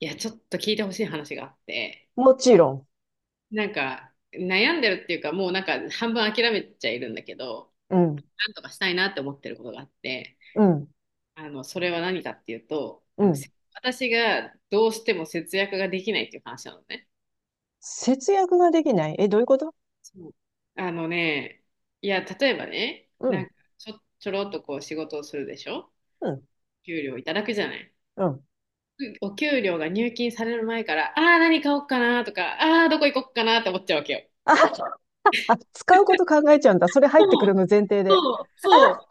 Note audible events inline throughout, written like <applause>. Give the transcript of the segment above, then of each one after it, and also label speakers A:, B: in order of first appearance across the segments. A: いや、ちょっと聞いてほしい話があって、
B: もちろん。
A: なんか悩んでるっていうか、もうなんか半分諦めちゃいるんだけど、
B: うん、
A: なんとかしたいなって思ってることがあって、
B: うん、
A: それは何かっていうと、
B: うん。
A: 私がどうしても節約ができないっていう話なのね。
B: 節約ができない。え、どういうこと？
A: そう。あのね、いや、例えばね、
B: う
A: なん
B: ん、
A: かちょろっとこう仕事をするでしょ。
B: うん、
A: 給料いただくじゃない。
B: うん。
A: お給料が入金される前から、何買おうかなとか、どこ行こうかなって思っちゃうわけよ。
B: あ、使うこと考えちゃうんだ。それ入ってくるの前提で。
A: そう、そう。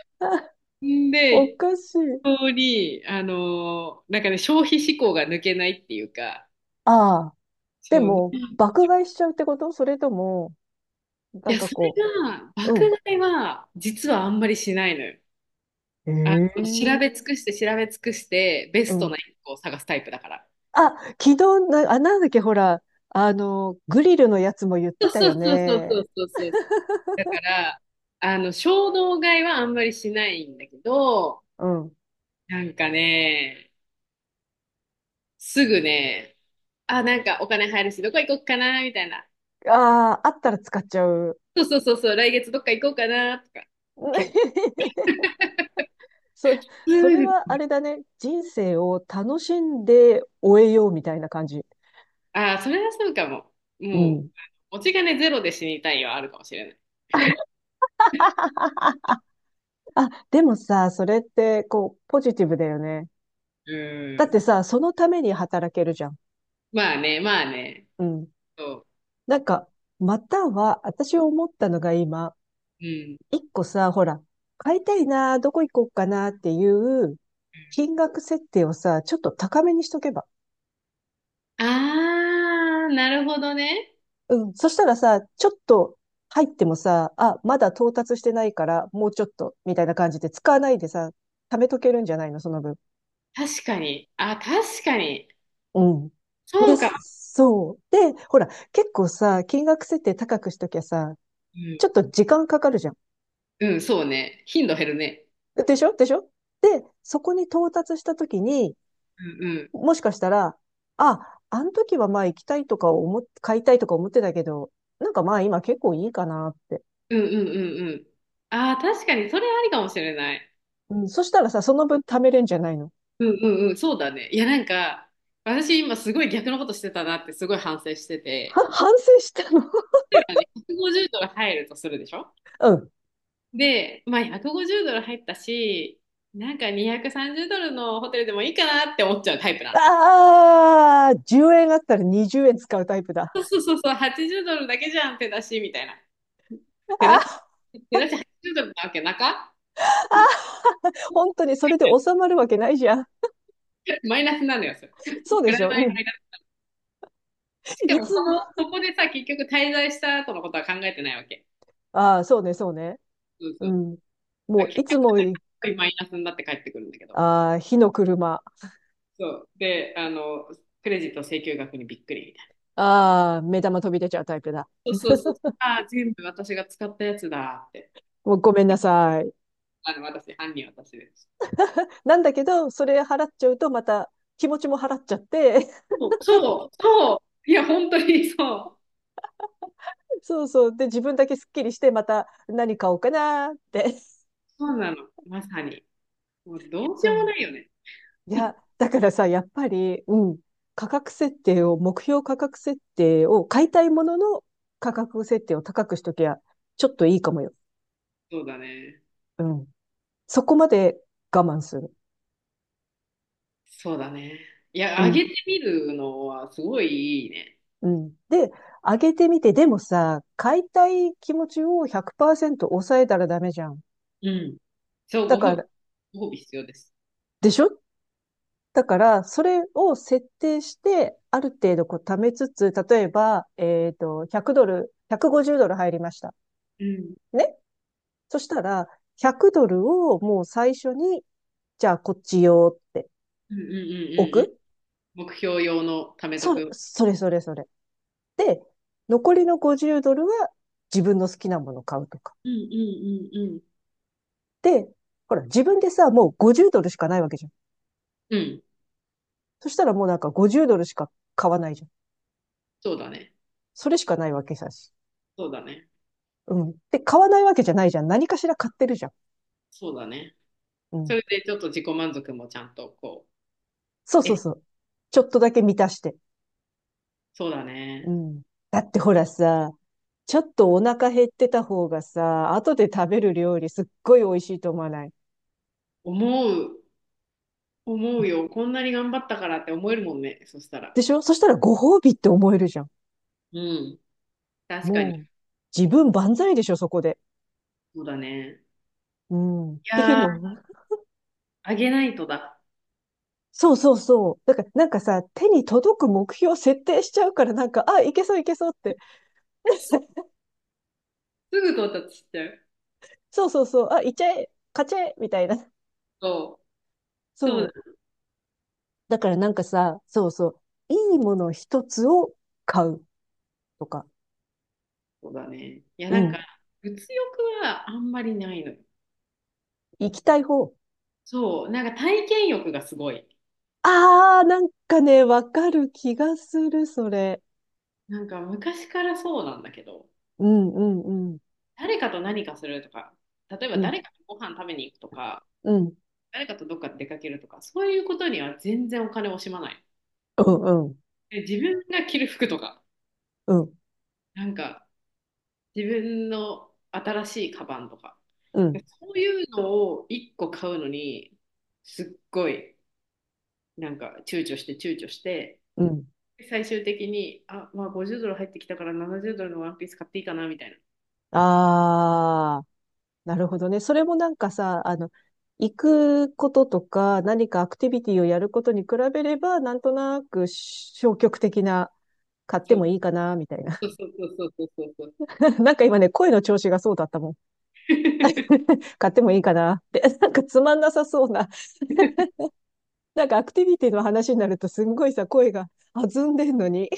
B: <laughs> あ
A: ん
B: お
A: で、一
B: かしい。
A: 通になんかね、消費志向が抜けないっていうか、
B: ああ、
A: そ
B: で
A: う、なん
B: も、
A: でし
B: 爆買い
A: ょ
B: しちゃうってこと？それとも、な
A: うい
B: ん
A: や、
B: か
A: それ
B: こ
A: が、爆
B: う、うん。
A: 買いは、実はあんまりしないのよ。調べ
B: ええ。
A: 尽くして、調べ尽くして、ベ
B: う
A: スト
B: ん。
A: な一個を探すタイプだから。
B: あ、昨日な、あ、なんだっけ、ほら、グリルのやつも言っ
A: そ
B: て
A: う
B: た
A: そ
B: よ
A: うそうそうそ
B: ね。
A: うそうそう。だから、衝動買いはあんまりしないんだけど、
B: うん。
A: なんかね、すぐね、あ、なんかお金入るし、どこ行こうかな、みたいな。
B: ああ、あったら使っちゃう。
A: そうそうそうそう、来月どっか行こうかな、とか。結
B: <laughs> それ、そ
A: そ
B: れ
A: うで
B: は
A: す。
B: あれだね。人生を楽しんで終えようみたいな感じ。
A: それはそうかも。
B: う
A: もう、
B: ん。
A: 持ち金ゼロで死にたいはあるかもしれない。
B: <laughs> あ、でもさ、それって、こう、ポジティブだよね。
A: う
B: だって
A: ん。
B: さ、そのために働けるじゃん。
A: まあね、まあね。
B: うん。
A: そ
B: なんか、または、私思ったのが今、
A: う。うん。
B: 一個さ、ほら、買いたいな、どこ行こうかなっていう、金額設定をさ、ちょっと高めにしとけば。
A: なるほどね。
B: うん。そしたらさ、ちょっと入ってもさ、あ、まだ到達してないから、もうちょっと、みたいな感じで使わないでさ、貯めとけるんじゃないの、その分。
A: 確かに。あ、確かに。
B: うん。
A: そ
B: で、
A: うかも。
B: そう。で、ほら、結構さ、金額設定高くしときゃさ、
A: う
B: ちょっと時間かかるじゃん。
A: ん、うん、そうね。頻度減るね。
B: でしょ？でしょ？で、そこに到達したときに、
A: うん、うん。
B: もしかしたら、あ、あの時はまあ行きたいとか買いたいとか思ってたけど、なんかまあ今結構いいかなって。
A: うん、うん、うん、うん。ああ、確かに、それありかもしれない。
B: うん、そしたらさ、その分貯めれんじゃないの？
A: うん、うん、うん、そうだね。いや、なんか、私今すごい逆のことしてたなってすごい反省してて。
B: は反省したの？
A: 例えばね、150ドル入るとするでしょ。
B: <laughs> うん。
A: で、まあ150ドル入ったし、なんか230ドルのホテルでもいいかなって思っちゃうタイプなの。
B: ああ、10円あったら20円使うタイプだ。
A: そうそうそうそう、80ドルだけじゃん、手出し、みたいな。手出し、
B: あ
A: 手出し80ドルなわけなか。
B: あ、本当にそれで収まるわけないじゃん。
A: <laughs> マイナスなのよ、それ。プ
B: そうで
A: ラ
B: し
A: マイ
B: ょ？うん。
A: マイナス。しか
B: い
A: も
B: つ
A: そ
B: も、
A: の、そこでさ、結局滞在した後のことは考えてないわけ。
B: ああ、そうね。
A: そうそ
B: う
A: う。
B: ん。も
A: だから
B: う、
A: 結
B: いつも。
A: 局マイナスになって帰ってくるんだけど。
B: ああ、火の車。
A: そう。で、クレジット請求額にびっくりみたい
B: ああ、目玉飛び出ちゃうタイプだ。
A: な。そうそうそう。ああ、全部私が使ったやつだって。
B: もうごめんなさい。
A: 私、犯人私です。
B: なんだけど、それ払っちゃうとまた気持ちも払っちゃって、
A: そう。そう、そう。いや、本当にそう。
B: <laughs> そう。で、自分だけスッキリして、また何買おうかなって。
A: そうなの。まさに。もうどうし
B: そ
A: ようもないよね。
B: う。いや、
A: <laughs>
B: だからさ、やっぱり、うん、価格設定を、目標価格設定を買いたいものの価格設定を高くしときゃ、ちょっといいかもよ。
A: そうだね。
B: うん。そこまで我慢する。
A: そうだね。いや、
B: う
A: あ
B: ん、
A: げてみるのはすごいいいね。
B: うん。で、上げてみて、でもさ、買いたい気持ちを100%抑えたらダメじゃん。
A: うん。そう、
B: だ
A: ご褒
B: か
A: 美、
B: ら、
A: ご褒美必要です。
B: でしょ？だから、それを設定して、ある程度こう貯めつつ、例えば、えっと、100ドル、150ドル入りました。
A: うん。
B: ね？そしたら、100ドルをもう最初に、じゃあこっちよって
A: うんうんうんう
B: 置
A: んうん。
B: く。
A: 目標用の貯めとく。
B: それそれそれ。で、残りの50ドルは自分の好きなもの買うとか。
A: うんうんうん
B: で、ほら、自分でさ、もう50ドルしかないわけじゃん。
A: うん。うん。
B: そしたらもうなんか50ドルしか買わないじゃん。
A: そうだね。
B: それしかないわけさし。
A: そうだね。
B: うん。で、買わないわけじゃないじゃん。何かしら買ってるじゃん。
A: そうだね。
B: う
A: そ
B: ん。
A: れでちょっと自己満足もちゃんとこ
B: そう
A: う、
B: そうそう。ちょっとだけ満たして。
A: そうだ
B: う
A: ね。
B: ん。だってほらさ、ちょっとお腹減ってた方がさ、後で食べる料理すっごい美味しいと思わない？
A: 思う思うよ。こんなに頑張ったからって思えるもんね。そしたら。
B: でしょ？そしたらご褒美って思えるじゃん。
A: うん。確かに。
B: もう、自分万歳でしょ、そこで。
A: そうだね。
B: うん。っ
A: い
B: ていう
A: やー、
B: の。
A: あげないとだ。
B: そうそうそう。だから、なんかさ、手に届く目標を設定しちゃうから、なんか、あ、いけそういけそうって。
A: すぐ到達しちゃう。
B: そうそうそう。あ、いっちゃえ、勝ちゃえ、みたいな。
A: そう。そ
B: そ
A: うだ。
B: う。だからなんかさ、そうそう。いいもの一つを買うとか。
A: そうだね。いや、
B: う
A: なん
B: ん。
A: か、物欲はあんまりないのよ。
B: 行きたい方。
A: そう。なんか体験欲がすごい。
B: ああ、なんかね、わかる気がする、それ。
A: なんか昔からそうなんだけど、
B: うん、うん、うん、
A: 誰かと何かするとか、例え
B: う
A: ば
B: ん、
A: 誰かとご飯食べに行くとか、
B: うん、
A: 誰かとどっか出かけるとか、そういうことには全然お金を惜しまない。
B: うん、
A: で自分が着る服とか、
B: うん、
A: なんか、自分の新しいカバンとか。
B: うん、
A: そういうのを1個買うのに、すっごい、なんか躊躇して躊躇して、
B: うん。
A: 最終的に、あ、まあ50ドル入ってきたから70ドルのワンピース買っていいかな、みたいな。
B: ああ、なるほどね。それもなんかさ、行くこととか、何かアクティビティをやることに比べれば、なんとなく消極的な、買って
A: そう
B: もいいかな、みたいな。
A: そうそうそうそうそうそう。
B: <laughs> なんか今ね、声の調子がそうだったもん。
A: <laughs>
B: <laughs> 買ってもいいかなって。<laughs> なんかつまんなさそうな。なんかアクティビティの話になると、すんごいさ、声が弾んでんのに。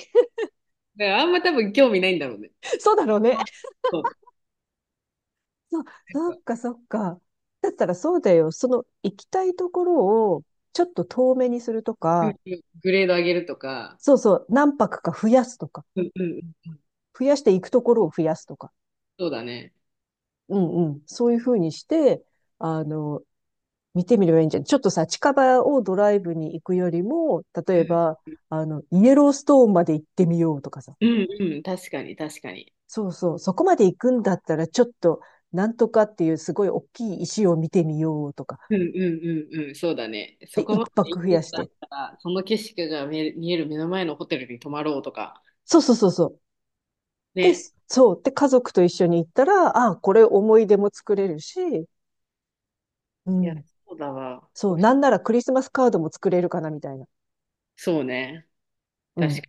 A: だからあんま多分興味ないんだろうね。
B: <laughs> そうだろうね。
A: まあそう。
B: <laughs> そう、
A: なん
B: そっ
A: か
B: かそっか。だったらそうだよ。その行きたいところをちょっと遠めにすると
A: グ
B: か、
A: グレード上げるとか、
B: そうそう、何泊か増やすとか、
A: うんうん
B: 増やして行くところを増やすとか。
A: そうだね。
B: うんうん。そういうふうにして、あの、見てみればいいんじゃない？ちょっとさ、近場をドライブに行くよりも、例
A: う
B: え
A: ん、
B: ば、イエローストーンまで行ってみようとかさ。
A: うん、うん、確かに、確かに。
B: そうそう、そこまで行くんだったら、ちょっと、なんとかっていうすごい大きい石を見てみようとか。
A: うんうんうんうん、そうだね。
B: で、
A: そこ
B: 一
A: まで
B: 泊
A: 行
B: 増
A: っ
B: や
A: て
B: し
A: た
B: て。
A: ら、その景色が見える、見える目の前のホテルに泊まろうとか。
B: そうそうそうそう。で、
A: ね。
B: そう。で、家族と一緒に行ったら、あ、これ思い出も作れるし、う
A: いや、
B: ん。
A: そうだわ。
B: そう。なんならクリスマスカードも作れるかな、みたいな。
A: そうね。
B: う
A: 確
B: ん。
A: か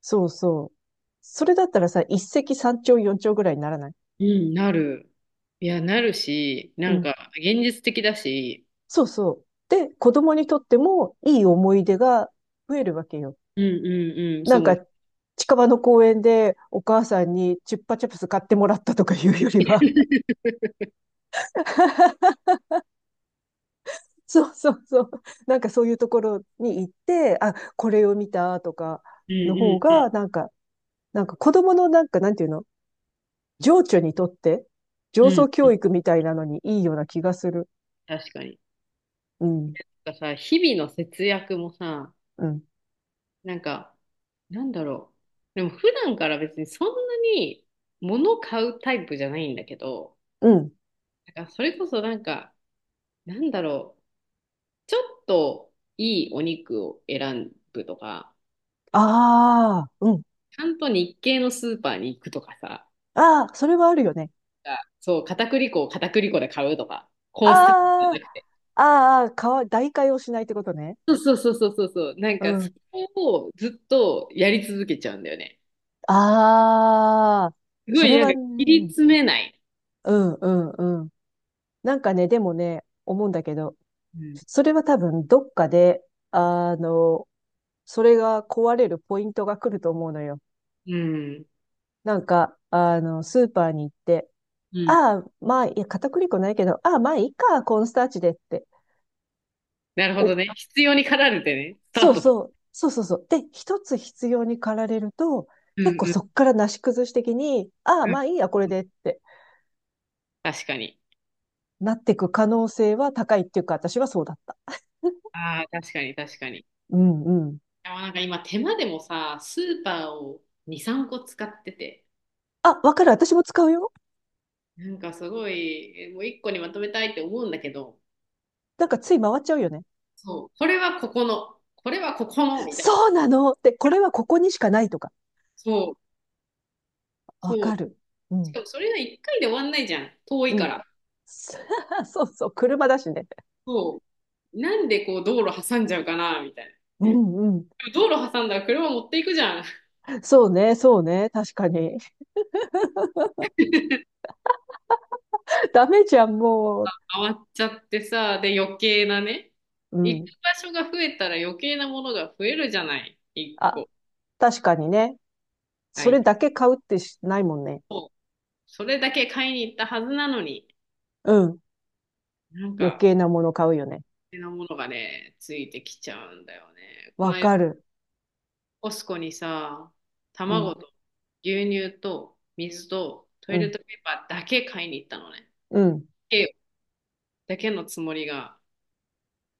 B: そうそう。それだったらさ、一石三鳥四鳥ぐらいにならない？
A: に。うん、なる。いや、なるし、
B: う
A: なん
B: ん。
A: か、現実的だし、
B: そうそう。で、子供にとってもいい思い出が増えるわけよ。
A: うんうんうん、
B: なん
A: そう
B: か、
A: ね。
B: 近場の公園でお母さんにチュッパチャプス買ってもらったとかいうよりは、 <laughs> そうそうそう。<laughs> なんかそういうところに行って、あ、これを見たとか
A: う
B: の方
A: ん
B: が、
A: う
B: なんか子供のなんか、なんていうの？情緒にとって、
A: んう
B: 情操
A: んう
B: 教
A: ん。
B: 育みたいなのにいいような気がする。
A: 確かに。
B: うん、
A: なんからさ、日々の節約もさ、
B: うん、
A: なんか、なんだろう。でも、普段から別にそんなに物買うタイプじゃないんだけど、
B: うん。
A: なんかそれこそなんか、なんだろう、ちょっといいお肉を選ぶとか、
B: ああ、うん。
A: ちゃんと日系のスーパーに行くとかさ、
B: ああ、それはあるよね。
A: あそう、片栗粉を片栗粉で買うとか、コーンスタッフじゃ
B: あ
A: なくて。
B: あ、代替をしないってことね。
A: そうそうそうそうそうそう、なん
B: う
A: かそ
B: ん。
A: れをずっとやり続けちゃうんだよね。
B: ああ、
A: すご
B: そ
A: い
B: れ
A: なん
B: は
A: か切り
B: ね、
A: 詰めない。
B: うん、うん、うん。なんかね、でもね、思うんだけど、
A: うん。
B: それは多分どっかで、あの、それが壊れるポイントが来ると思うのよ。
A: うん。
B: スーパーに行って、
A: うん。
B: ああ、まあ、いや、片栗粉ないけど、ああ、まあいいか、コーンスターチでって。
A: なるほど
B: お、
A: ね。必要に駆られてね、スタートだ。
B: そうそうそう。で、一つ必要に駆られると、
A: う
B: 結構
A: んうん
B: そっからなし崩し的に、ああ、
A: う
B: まあいいや、これ
A: ん。
B: でって
A: 確かに。
B: なってく可能性は高いっていうか、私はそうだった。
A: ああ、確かに、確かに。
B: うんうん。
A: あ、なんか今手間でもさ、スーパーを2、3個使ってて、
B: あ、わかる、私も使うよ。
A: なんかすごい、もう1個にまとめたいって思うんだけど、
B: なんかつい回っちゃうよね。
A: そう、これはここの、これはここの、みたいな。
B: そうなのって、これはここにしかないとか。
A: そう、
B: わ
A: そう。
B: かる。う
A: しか
B: ん。
A: もそれが1回で終わんないじゃん。遠い
B: う
A: か
B: ん。
A: ら。
B: <laughs> そうそう、車だしね。
A: そう。なんでこう道路挟んじゃうかな、みたいな。
B: うんうん。
A: でも道路挟んだら車持っていくじゃん。
B: そうね。確かに。<laughs> ダメじゃん、もう。
A: 回っちゃってさ、で余計なね。
B: う
A: 行く
B: ん。
A: 場所が増えたら余計なものが増えるじゃない。1
B: あ、
A: 個。
B: 確かにね。
A: は
B: それ
A: い。
B: だけ買うってしないもんね。
A: それだけ買いに行ったはずなのに、
B: うん。
A: なん
B: 余
A: か、
B: 計なもの買うよね。
A: 手なものがね、ついてきちゃうんだよね。こ
B: わ
A: の間、
B: かる。
A: コスコにさ、
B: うん、
A: 卵と牛乳と水とト
B: う
A: イレッ
B: ん、
A: トペーパーだけ買いに行ったのね。
B: うん、
A: えだけのつもりが、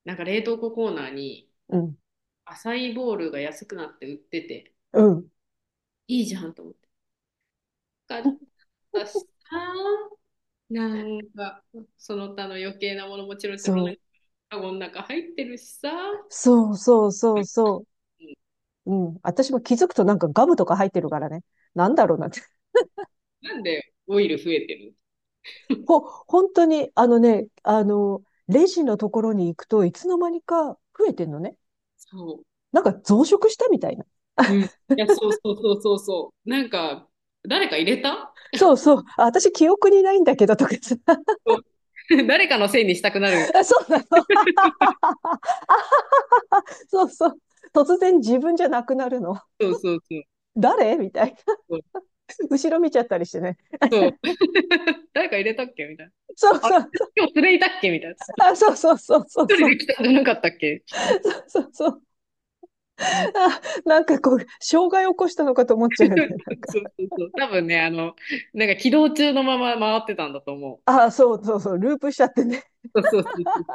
A: なんか冷凍庫コーナーに
B: うん、
A: アサイーボウルが安くなって売ってて、
B: うん。
A: いいじゃんと思って。買っ
B: <laughs>
A: たしさ、なんか、その他の余計なものもチロチロ
B: そ
A: なん
B: う。
A: か、カゴの中入ってるしさ、
B: そうそうそうそう。うん。私も気づくとなんかガムとか入ってるからね。なんだろうなって。
A: なんでオイル増えてる。
B: 本当に、あのね、あの、レジのところに行くといつの間にか増えてんのね。
A: そ
B: なんか増殖したみたいな。
A: う。うん。い
B: <laughs>
A: や、そうそうそうそうそう。なんか、誰か入れた。
B: そうそう。あ、私、記憶にないんだけど、とかさ。
A: そう。 <laughs> 誰かのせいにしたくなる。
B: <laughs> あ、そうなの。<laughs> そうそう。突然自分じゃなくなるの。
A: そうそうそう。
B: 誰みたいな。
A: そう。
B: <laughs> 後ろ見ちゃったりしてね。
A: そう。 <laughs> 誰か入れたっけみたいな。
B: そう
A: あ
B: そ
A: れ、
B: うそう。
A: 今日連れいたっけみたいな。
B: あ、そうそうそうそう
A: 一人
B: そ
A: で
B: う。
A: 来たんじゃなかったっけ。
B: そうそう。あ、なんかこう、障害起こしたのかと思っちゃうよね。なん
A: <laughs>
B: か。
A: そうそうそう。多分ね、なんか起動中のまま回ってたんだと思
B: あ、そうそうそう。ループしちゃってね。
A: う。そうそうそう。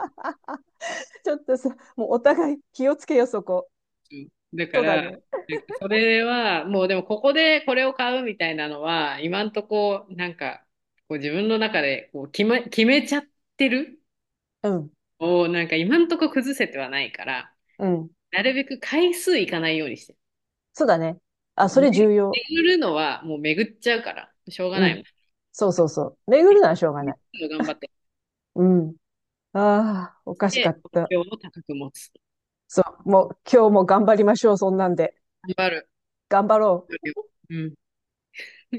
B: ちょっとさ、もうお互い気をつけよ、そこ。
A: うん。だか
B: そうだ
A: ら、
B: ね。
A: なんかそれは、もうでもここでこれを買うみたいなのは、今んとこ、なんか、こう自分の中でこう決めちゃってる
B: うん。
A: を、なんか今んとこ崩せてはないから、
B: うん。
A: なるべく回数いかないようにしてる。
B: そうだね。あ、
A: そう
B: そ
A: め
B: れ重要。
A: 巡るのはもう巡っちゃうから、しょうが
B: う
A: ない
B: ん。
A: もん。
B: そうそうそう。巡るのはしょうがない。
A: 頑張ってき
B: うん。ああ、おかしか
A: て、
B: っ
A: 目
B: た。
A: 標を高く持つ。
B: そう。もう今日も頑張りましょう、そんなんで。
A: 頑張る。
B: 頑張ろう。
A: うん。